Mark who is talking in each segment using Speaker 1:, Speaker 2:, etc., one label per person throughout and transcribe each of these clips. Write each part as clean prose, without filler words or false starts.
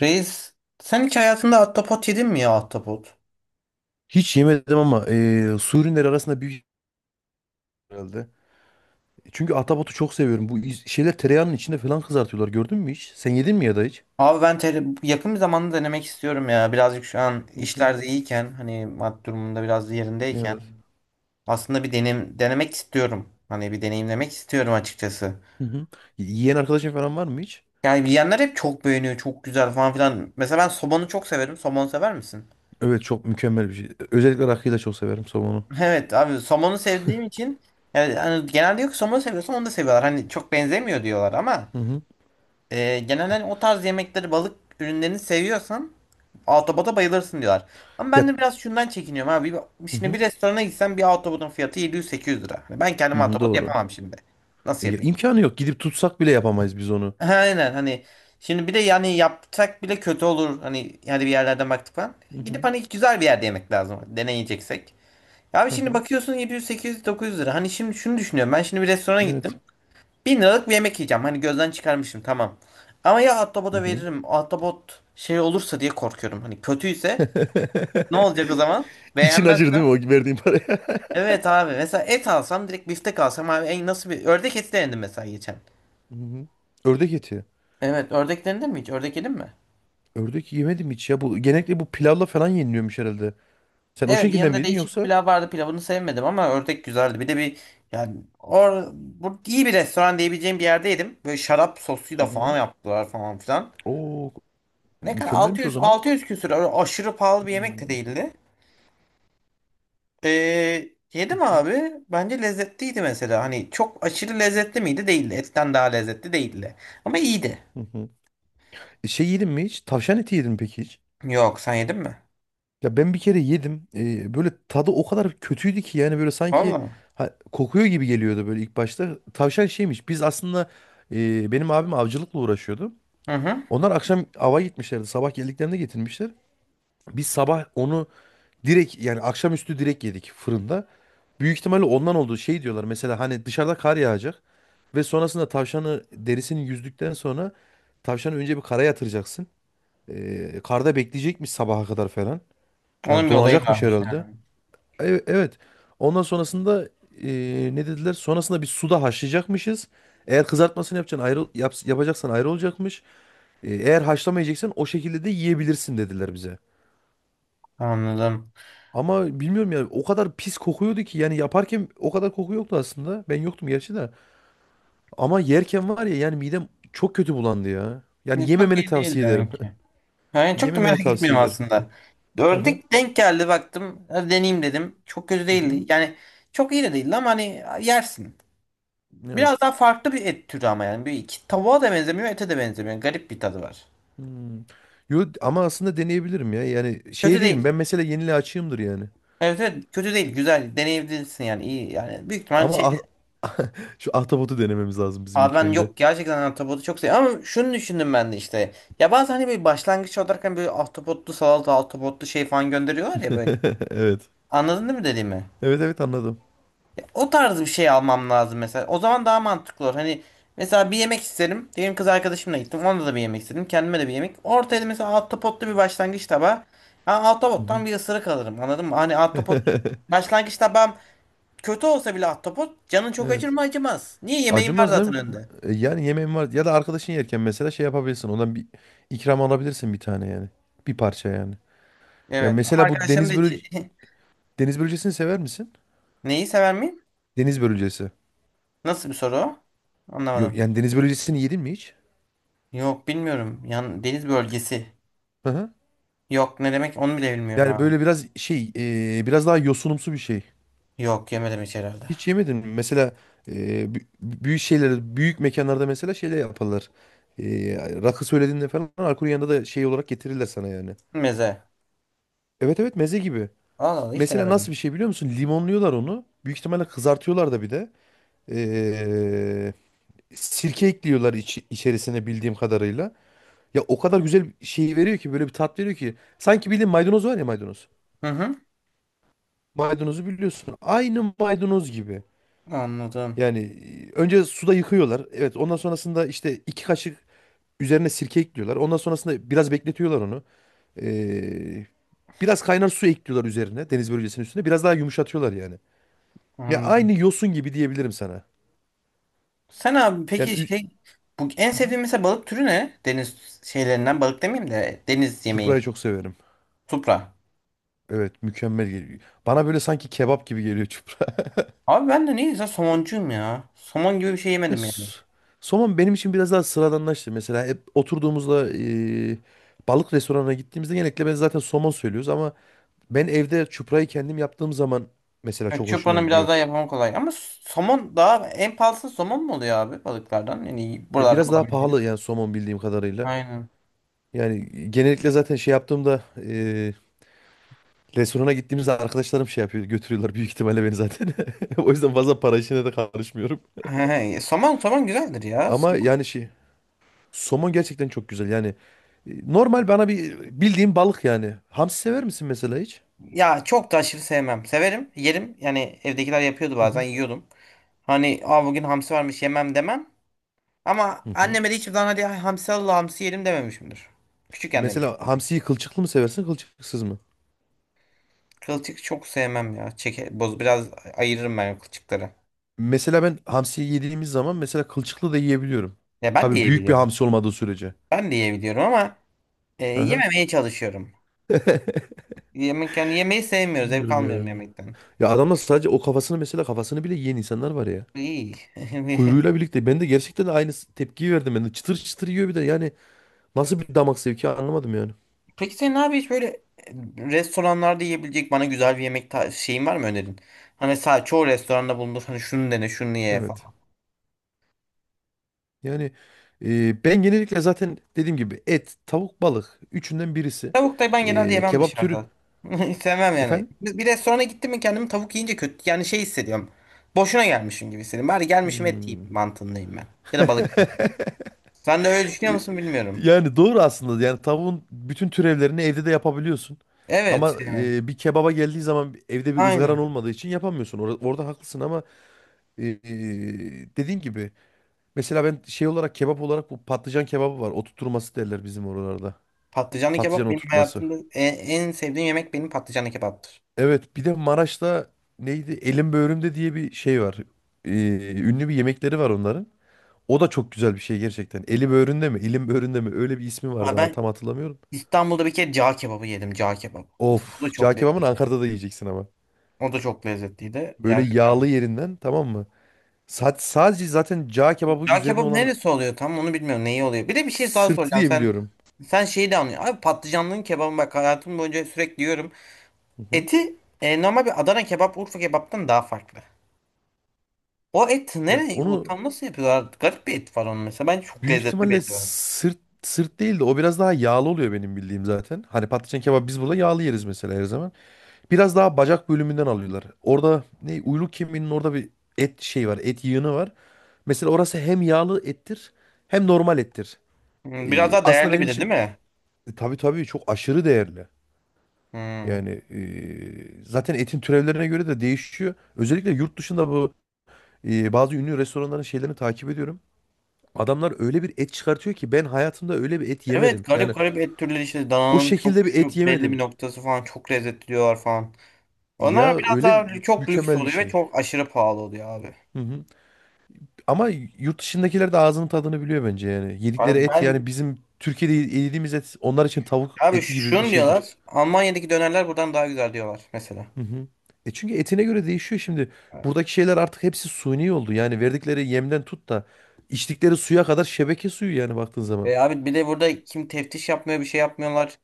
Speaker 1: Reis, sen hiç hayatında ahtapot yedin mi ya ahtapot?
Speaker 2: Hiç yemedim ama su ürünleri arasında büyük herhalde. Çünkü ahtapotu çok seviyorum. Şeyler tereyağının içinde falan kızartıyorlar. Gördün mü hiç? Sen yedin mi ya da hiç?
Speaker 1: Abi ben yakın bir zamanda denemek istiyorum ya. Birazcık şu an
Speaker 2: Hı hı.
Speaker 1: işlerde iyiyken, hani maddi durumunda biraz yerindeyken
Speaker 2: Evet.
Speaker 1: aslında bir denemek istiyorum. Hani bir deneyimlemek istiyorum açıkçası.
Speaker 2: Hı hı. Yiyen arkadaşın falan var mı hiç?
Speaker 1: Yani yiyenler hep çok beğeniyor, çok güzel falan filan. Mesela ben somonu çok severim. Somon sever misin?
Speaker 2: Evet, çok mükemmel bir şey. Özellikle rakıyı da çok severim somonu.
Speaker 1: Evet abi, somonu sevdiğim için yani hani genelde, yok somonu seviyorsan onu da seviyorlar. Hani çok benzemiyor diyorlar ama
Speaker 2: Hı hı.
Speaker 1: genelde hani o tarz yemekleri, balık ürünlerini seviyorsan Autobot'a bayılırsın diyorlar. Ama ben
Speaker 2: Ya,
Speaker 1: de biraz şundan çekiniyorum abi.
Speaker 2: hı
Speaker 1: Şimdi
Speaker 2: hı.
Speaker 1: bir restorana gitsem bir Autobot'un fiyatı 700-800 lira. Hani ben
Speaker 2: Hı
Speaker 1: kendim
Speaker 2: hı,
Speaker 1: Autobot
Speaker 2: doğru.
Speaker 1: yapamam şimdi. Nasıl
Speaker 2: Ya,
Speaker 1: yapayım?
Speaker 2: imkanı yok. Gidip tutsak bile yapamayız biz onu.
Speaker 1: Aynen, hani şimdi bir de yani yapsak bile kötü olur. Hani yani bir yerlerden baktık falan.
Speaker 2: Hı
Speaker 1: Gidip
Speaker 2: hı.
Speaker 1: hani güzel bir yerde yemek lazım. Deneyeceksek. Abi
Speaker 2: Hı
Speaker 1: şimdi
Speaker 2: hı.
Speaker 1: bakıyorsun, 700, 800, 900 lira. Hani şimdi şunu düşünüyorum. Ben şimdi bir restorana
Speaker 2: Evet.
Speaker 1: gittim. 1000 liralık bir yemek yiyeceğim. Hani gözden çıkarmışım, tamam. Ama ya
Speaker 2: Hı
Speaker 1: Autobot'a
Speaker 2: hı.
Speaker 1: veririm. Autobot şey olursa diye korkuyorum. Hani kötüyse, ne olacak o zaman?
Speaker 2: İçin acır
Speaker 1: Beğenmezsem?
Speaker 2: değil mi o verdiğin paraya?
Speaker 1: Evet abi, mesela et alsam, direkt biftek alsam abi. En, nasıl, bir ördek eti denedim mesela geçen.
Speaker 2: Hı hı. Ördek eti.
Speaker 1: Evet, ördek denedin mi hiç? Ördek yedin mi?
Speaker 2: Ördek yemedim hiç ya. Bu genellikle bu pilavla falan yeniliyormuş herhalde. Sen o
Speaker 1: Evet,
Speaker 2: şekilde mi
Speaker 1: yanında
Speaker 2: yedin
Speaker 1: değişik bir
Speaker 2: yoksa?
Speaker 1: pilav vardı, pilavını sevmedim ama ördek güzeldi. Bir de bir yani bu iyi bir restoran diyebileceğim bir yerde yedim. Böyle şarap sosuyla
Speaker 2: Hı
Speaker 1: falan
Speaker 2: hı.
Speaker 1: yaptılar falan filan.
Speaker 2: Oo,
Speaker 1: Ne kadar,
Speaker 2: mükemmelmiş o
Speaker 1: 600
Speaker 2: zaman.
Speaker 1: 600 küsür, öyle aşırı pahalı bir yemek de
Speaker 2: Hmm.
Speaker 1: değildi.
Speaker 2: Hı
Speaker 1: Yedim
Speaker 2: hı,
Speaker 1: abi. Bence lezzetliydi mesela. Hani çok aşırı lezzetli miydi? Değildi. Etten daha lezzetli değildi. Ama iyiydi.
Speaker 2: hı hı. Şey yedin mi hiç? Tavşan eti yedin mi peki hiç?
Speaker 1: Yok, sen yedin mi?
Speaker 2: Ya ben bir kere yedim. Böyle tadı o kadar kötüydü ki, yani böyle sanki
Speaker 1: Vallahi.
Speaker 2: ha, kokuyor gibi geliyordu böyle ilk başta. Tavşan şeymiş. Biz aslında benim abim avcılıkla uğraşıyordu.
Speaker 1: Hı hı.
Speaker 2: Onlar akşam ava gitmişlerdi. Sabah geldiklerinde getirmişler. Biz sabah onu direkt, yani akşamüstü direkt yedik fırında. Büyük ihtimalle ondan olduğu şey diyorlar. Mesela hani dışarıda kar yağacak ve sonrasında tavşanı derisini yüzdükten sonra tavşanı önce bir kara yatıracaksın. Karda bekleyecekmiş sabaha kadar falan. Yani
Speaker 1: Onun bir olayı
Speaker 2: donacakmış
Speaker 1: varmış
Speaker 2: herhalde.
Speaker 1: yani.
Speaker 2: Evet, evet. Ondan sonrasında ne dediler? Sonrasında bir suda haşlayacakmışız. Eğer kızartmasını yapacaksın ayrı yapacaksan ayrı olacakmış. Eğer haşlamayacaksan o şekilde de yiyebilirsin dediler bize.
Speaker 1: Anladım.
Speaker 2: Ama bilmiyorum ya, o kadar pis kokuyordu ki, yani yaparken o kadar koku yoktu aslında. Ben yoktum gerçi de. Ama yerken var ya, yani midem çok kötü bulandı ya. Yani
Speaker 1: Ne, çok
Speaker 2: yememeni
Speaker 1: iyi değil
Speaker 2: tavsiye ederim.
Speaker 1: demek ki. Yani çok da
Speaker 2: Yememeni
Speaker 1: merak
Speaker 2: tavsiye
Speaker 1: etmiyorum
Speaker 2: ederim.
Speaker 1: aslında.
Speaker 2: Hı hı.
Speaker 1: Ördük denk geldi, baktım. Hadi deneyeyim dedim. Çok kötü
Speaker 2: Hı
Speaker 1: değildi.
Speaker 2: hı.
Speaker 1: Yani çok iyi de değildi ama hani yersin. Biraz
Speaker 2: Evet.
Speaker 1: daha farklı bir et türü ama yani. Bir iki tavuğa da benzemiyor, ete de benzemiyor. Garip bir tadı var.
Speaker 2: Hmm. Yo, ama aslında deneyebilirim ya. Yani şey
Speaker 1: Kötü
Speaker 2: değilim
Speaker 1: değil.
Speaker 2: ben, mesela yeniliğe açığımdır yani.
Speaker 1: Evet, evet, kötü değil. Güzel. Deneyebilirsin yani. İyi yani. Büyük ihtimal şey.
Speaker 2: Ama ah- şu ahtapotu denememiz lazım bizim
Speaker 1: Abi
Speaker 2: ilk
Speaker 1: ben,
Speaker 2: önce.
Speaker 1: yok gerçekten ahtapotu çok seviyorum ama şunu düşündüm ben de işte. Ya bazen hani böyle başlangıç olarak, hani böyle ahtapotlu salata, ahtapotlu şey falan gönderiyorlar ya böyle.
Speaker 2: Evet.
Speaker 1: Anladın değil mi dediğimi?
Speaker 2: Evet, evet anladım.
Speaker 1: O tarz bir şey almam lazım mesela. O zaman daha mantıklı olur. Hani mesela bir yemek isterim. Diyelim kız arkadaşımla gittim. Ona da bir yemek istedim. Kendime de bir yemek. Ortaya da mesela ahtapotlu bir başlangıç tabağı. Ben
Speaker 2: Hı hı.
Speaker 1: ahtapottan bir ısırık alırım. Anladın mı? Hani ahtapot başlangıç tabağım kötü olsa bile, ahtapot canın çok acır
Speaker 2: Evet.
Speaker 1: mı, acımaz. Niye, yemeğin var
Speaker 2: Acımaz değil
Speaker 1: zaten
Speaker 2: mi?
Speaker 1: önünde.
Speaker 2: Yani yemeğim var. Ya da arkadaşın yerken mesela şey yapabilirsin. Ondan bir ikram alabilirsin bir tane yani. Bir parça yani. Ya
Speaker 1: Evet ama
Speaker 2: mesela bu
Speaker 1: arkadaşlarım da hiç.
Speaker 2: deniz börülcesini sever misin?
Speaker 1: Neyi sever miyim?
Speaker 2: Deniz börülcesi.
Speaker 1: Nasıl bir soru o?
Speaker 2: Yok,
Speaker 1: Anlamadım.
Speaker 2: yani deniz börülcesini yedin mi hiç?
Speaker 1: Yok, bilmiyorum. Yan deniz bölgesi.
Speaker 2: Hı hı.
Speaker 1: Yok, ne demek onu bile bilmiyorum
Speaker 2: Yani
Speaker 1: abi.
Speaker 2: böyle biraz biraz daha yosunumsu bir şey.
Speaker 1: Yok, yemedim hiç herhalde.
Speaker 2: Hiç yemedin mi? Mesela e, büyük şeylerde, büyük mekanlarda mesela şeyler yaparlar. E, Rakı söylediğinde falan alkolün yanında da şey olarak getirirler sana yani.
Speaker 1: Meze.
Speaker 2: Evet, evet meze gibi.
Speaker 1: Allah Allah, hiç
Speaker 2: Mesela nasıl
Speaker 1: denemedim.
Speaker 2: bir şey biliyor musun? Limonluyorlar onu. Büyük ihtimalle kızartıyorlar da bir de. E, Sirke ekliyorlar içerisine bildiğim kadarıyla. Ya o kadar güzel şeyi veriyor ki, böyle bir tat veriyor ki. Sanki bildiğin maydanoz var ya, maydanoz.
Speaker 1: Hı hı.
Speaker 2: Maydanozu biliyorsun. Aynı maydanoz gibi.
Speaker 1: Anladım.
Speaker 2: Yani önce suda yıkıyorlar. Evet, ondan sonrasında işte iki kaşık üzerine sirke ekliyorlar. Ondan sonrasında biraz bekletiyorlar onu. Ee, Biraz kaynar su ekliyorlar üzerine, deniz bölgesinin üstüne. Biraz daha yumuşatıyorlar yani. Ya
Speaker 1: Anladım.
Speaker 2: aynı yosun gibi diyebilirim sana.
Speaker 1: Sen abi
Speaker 2: Yani
Speaker 1: peki,
Speaker 2: ü-
Speaker 1: şey, bu en sevdiğin mesela balık türü ne? Deniz şeylerinden, balık demeyeyim de, deniz yemeği.
Speaker 2: Çuprayı çok severim.
Speaker 1: Supra.
Speaker 2: Evet, mükemmel geliyor. Bana böyle sanki kebap gibi geliyor.
Speaker 1: Abi ben de neyse somoncuyum ya. Somon gibi bir şey
Speaker 2: Ya
Speaker 1: yemedim yani.
Speaker 2: s- Somon benim için biraz daha sıradanlaştı. Mesela hep oturduğumuzda, balık restoranına gittiğimizde genellikle ben zaten somon söylüyoruz ama ben evde çuprayı kendim yaptığım zaman mesela
Speaker 1: Evet,
Speaker 2: çok hoşuma
Speaker 1: Çupra'nın
Speaker 2: gidiyor.
Speaker 1: biraz daha yapımı kolay. Ama somon, daha en pahalısı somon mu oluyor abi, balıklardan? Yani buralarda
Speaker 2: Biraz daha
Speaker 1: bulabiliyoruz.
Speaker 2: pahalı yani somon bildiğim kadarıyla.
Speaker 1: Aynen.
Speaker 2: Yani genellikle zaten şey yaptığımda, restorana gittiğimizde arkadaşlarım şey yapıyor, götürüyorlar büyük ihtimalle beni zaten. O yüzden fazla para işine de karışmıyorum.
Speaker 1: He, somon somon güzeldir ya.
Speaker 2: Ama
Speaker 1: Somon-
Speaker 2: yani şey, somon gerçekten çok güzel yani. Normal bana bir bildiğim balık yani. Hamsi sever misin mesela hiç?
Speaker 1: Ya çok da aşırı sevmem. Severim, yerim. Yani evdekiler yapıyordu,
Speaker 2: Hı
Speaker 1: bazen
Speaker 2: hı.
Speaker 1: yiyordum. Hani, aa, bugün hamsi varmış, yemem demem. Ama
Speaker 2: Hı hı.
Speaker 1: anneme de hiçbir zaman hadi hamsi al, hamsi yerim dememişimdir. Küçükken demişim.
Speaker 2: Mesela hamsiyi kılçıklı mı seversin, kılçıksız mı?
Speaker 1: Kılçık çok sevmem ya. Çeke, boz, biraz ayırırım ben kılçıkları.
Speaker 2: Mesela ben hamsiyi yediğimiz zaman mesela kılçıklı da yiyebiliyorum.
Speaker 1: Ya ben de
Speaker 2: Tabii büyük bir
Speaker 1: yiyebiliyorum.
Speaker 2: hamsi olmadığı sürece.
Speaker 1: Ben de yiyebiliyorum ama
Speaker 2: Hı hı.
Speaker 1: yememeye çalışıyorum. Yani yemeği sevmiyoruz. Zevk
Speaker 2: Bilmiyorum
Speaker 1: almıyorum
Speaker 2: ya.
Speaker 1: yemekten.
Speaker 2: Ya adamlar sadece o kafasını, mesela kafasını bile yiyen insanlar var ya.
Speaker 1: İyi.
Speaker 2: Kuyruğuyla birlikte. Ben de gerçekten aynı tepkiyi verdim. Ben de çıtır çıtır yiyor bir de. Yani nasıl bir damak zevki anlamadım yani.
Speaker 1: Peki senin abi, hiç böyle restoranlarda yiyebilecek bana güzel bir yemek şeyin var mı, önerin? Hani sadece çoğu restoranda bulunur. Hani şunu dene, şunu ye
Speaker 2: Evet.
Speaker 1: falan.
Speaker 2: Yani ben genellikle zaten dediğim gibi et, tavuk, balık. Üçünden birisi.
Speaker 1: Tavuk da ben genelde yemem
Speaker 2: Kebap türü.
Speaker 1: dışarıda. Hiç sevmem yani.
Speaker 2: Efendim?
Speaker 1: Bir restorana gittim mi kendimi tavuk yiyince kötü, yani şey hissediyorum. Boşuna gelmişim gibi hissediyorum. Bari gelmişim, et
Speaker 2: Hmm.
Speaker 1: yiyeyim mantığındayım ben. Ya da balık yiyeyim. Sen de öyle düşünüyor
Speaker 2: E,
Speaker 1: musun, bilmiyorum.
Speaker 2: Yani doğru aslında. Yani tavuğun bütün türevlerini evde de yapabiliyorsun.
Speaker 1: Evet
Speaker 2: Ama
Speaker 1: yani.
Speaker 2: bir kebaba geldiği zaman evde bir ızgaran
Speaker 1: Aynen.
Speaker 2: olmadığı için yapamıyorsun. Orada haklısın ama e, e, dediğin gibi mesela ben şey olarak, kebap olarak bu patlıcan kebabı var. Oturtması derler bizim oralarda.
Speaker 1: Patlıcanlı
Speaker 2: Patlıcan
Speaker 1: kebap benim
Speaker 2: oturtması.
Speaker 1: hayatımda en sevdiğim yemek, benim patlıcanlı kebaptır.
Speaker 2: Evet bir de Maraş'ta neydi? Elim böğrümde diye bir şey var. E, Ünlü bir yemekleri var onların. O da çok güzel bir şey gerçekten. Eli böğründe mi? Elim böğründe mi? Öyle bir ismi vardı
Speaker 1: Abi
Speaker 2: ama
Speaker 1: ben
Speaker 2: tam hatırlamıyorum.
Speaker 1: İstanbul'da bir kere cağ kebabı yedim. Cağ kebabı. Mesela o da
Speaker 2: Of, cağ
Speaker 1: çok
Speaker 2: kebabını
Speaker 1: lezzetli.
Speaker 2: Ankara'da da yiyeceksin ama.
Speaker 1: O da çok lezzetliydi.
Speaker 2: Böyle
Speaker 1: Yani
Speaker 2: yağlı
Speaker 1: bilmiyorum.
Speaker 2: yerinden, tamam mı? Sadece zaten cağ kebabı
Speaker 1: Cağ
Speaker 2: üzerine
Speaker 1: kebabı
Speaker 2: olan
Speaker 1: neresi oluyor tam, onu bilmiyorum. Neyi oluyor? Bir de bir şey daha
Speaker 2: sırtı
Speaker 1: soracağım.
Speaker 2: diye
Speaker 1: Sen
Speaker 2: biliyorum.
Speaker 1: sen şeyi de anlıyorsun. Abi, patlıcanlının kebabı, bak hayatım boyunca sürekli yiyorum.
Speaker 2: Hı hı.
Speaker 1: Eti normal bir Adana kebap, Urfa kebaptan daha farklı. O et
Speaker 2: Ya
Speaker 1: nereye? O
Speaker 2: onu
Speaker 1: tam nasıl yapıyorlar? Garip bir et var onun mesela. Bence çok
Speaker 2: büyük
Speaker 1: lezzetli bir
Speaker 2: ihtimalle
Speaker 1: eti var.
Speaker 2: sırt değil de o biraz daha yağlı oluyor benim bildiğim zaten. Hani patlıcan kebabı biz burada yağlı yeriz mesela her zaman. Biraz daha bacak bölümünden alıyorlar. Orada ne uyluk kemiğinin orada bir et şey var, et yığını var. Mesela orası hem yağlı ettir hem normal ettir.
Speaker 1: Biraz daha
Speaker 2: Aslında
Speaker 1: değerli
Speaker 2: benim
Speaker 1: bir de değil
Speaker 2: için
Speaker 1: mi?
Speaker 2: tabii tabii çok aşırı değerli.
Speaker 1: Hmm.
Speaker 2: Yani zaten etin türevlerine göre de değişiyor. Özellikle yurt dışında bu bazı ünlü restoranların şeylerini takip ediyorum. Adamlar öyle bir et çıkartıyor ki ben hayatımda öyle bir et
Speaker 1: Evet,
Speaker 2: yemedim.
Speaker 1: garip
Speaker 2: Yani
Speaker 1: garip et türleri işte,
Speaker 2: o
Speaker 1: dananın çok
Speaker 2: şekilde bir et
Speaker 1: şu belli bir
Speaker 2: yemedim.
Speaker 1: noktası falan çok lezzetli diyorlar falan.
Speaker 2: Ya
Speaker 1: Onlar biraz
Speaker 2: öyle
Speaker 1: daha çok lüks
Speaker 2: mükemmel bir
Speaker 1: oluyor ve
Speaker 2: şey.
Speaker 1: çok aşırı pahalı oluyor abi.
Speaker 2: Hı hı. Ama yurt dışındakiler de ağzının tadını biliyor bence yani. Yedikleri
Speaker 1: Abi
Speaker 2: et,
Speaker 1: ben
Speaker 2: yani bizim Türkiye'de yediğimiz et onlar için tavuk
Speaker 1: Abi,
Speaker 2: eti gibi bir
Speaker 1: şunu
Speaker 2: şeydir.
Speaker 1: diyorlar, Almanya'daki dönerler buradan daha güzel diyorlar mesela.
Speaker 2: Hı hı. Çünkü etine göre değişiyor şimdi.
Speaker 1: Evet.
Speaker 2: Buradaki şeyler artık hepsi suni oldu. Yani verdikleri yemden tut da içtikleri suya kadar şebeke suyu yani baktığın zaman.
Speaker 1: Abi, bir de burada kim teftiş yapmıyor, bir şey yapmıyorlar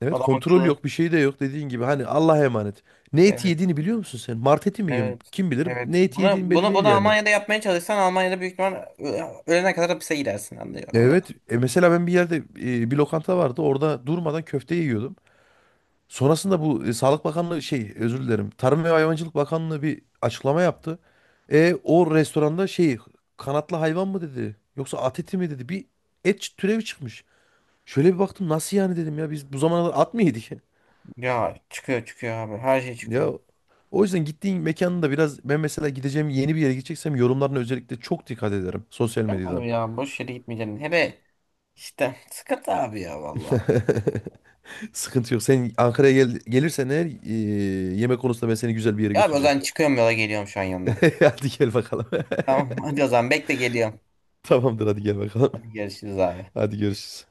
Speaker 2: Evet,
Speaker 1: adam
Speaker 2: kontrol
Speaker 1: akıllı.
Speaker 2: yok, bir şey de yok dediğin gibi. Hani Allah'a emanet. Ne eti
Speaker 1: Evet,
Speaker 2: yediğini biliyor musun sen? Mart eti mi yiyorsun?
Speaker 1: evet.
Speaker 2: Kim bilir
Speaker 1: Evet.
Speaker 2: ne eti yediğin
Speaker 1: Bunu,
Speaker 2: belli
Speaker 1: bunu,
Speaker 2: değil
Speaker 1: bunu
Speaker 2: yani.
Speaker 1: Almanya'da yapmaya çalışsan, Almanya'da büyük ihtimal ölene kadar hapise gidersin, anlıyor.
Speaker 2: Evet, mesela ben bir yerde, bir lokanta vardı. Orada durmadan köfte yiyordum. Sonrasında bu Sağlık Bakanlığı şey, özür dilerim. Tarım ve Hayvancılık Bakanlığı bir açıklama yaptı. O restoranda şey, kanatlı hayvan mı dedi yoksa at eti mi dedi, bir et türevi çıkmış. Şöyle bir baktım, nasıl yani dedim ya, biz bu zamana kadar at mı yedik?
Speaker 1: Ya çıkıyor çıkıyor abi. Her şey
Speaker 2: Ya
Speaker 1: çıkıyor.
Speaker 2: o yüzden gittiğin mekanın da biraz, ben mesela gideceğim yeni bir yere gideceksem yorumlarına özellikle çok dikkat ederim sosyal
Speaker 1: Ben
Speaker 2: medyadan.
Speaker 1: abi ya boş yere gitmeyeceğim. Hele işte, sıkıntı abi ya valla.
Speaker 2: Sıkıntı yok. Sen Ankara'ya gel, gelirsen eğer yemek konusunda ben seni güzel bir yere
Speaker 1: Ya abi, o
Speaker 2: götüreceğim.
Speaker 1: zaman çıkıyorum, yola geliyorum şu an yanına.
Speaker 2: Hadi gel bakalım.
Speaker 1: Tamam, hadi o zaman bekle, geliyorum.
Speaker 2: Tamamdır, hadi gel bakalım.
Speaker 1: Hadi görüşürüz abi.
Speaker 2: Hadi görüşürüz.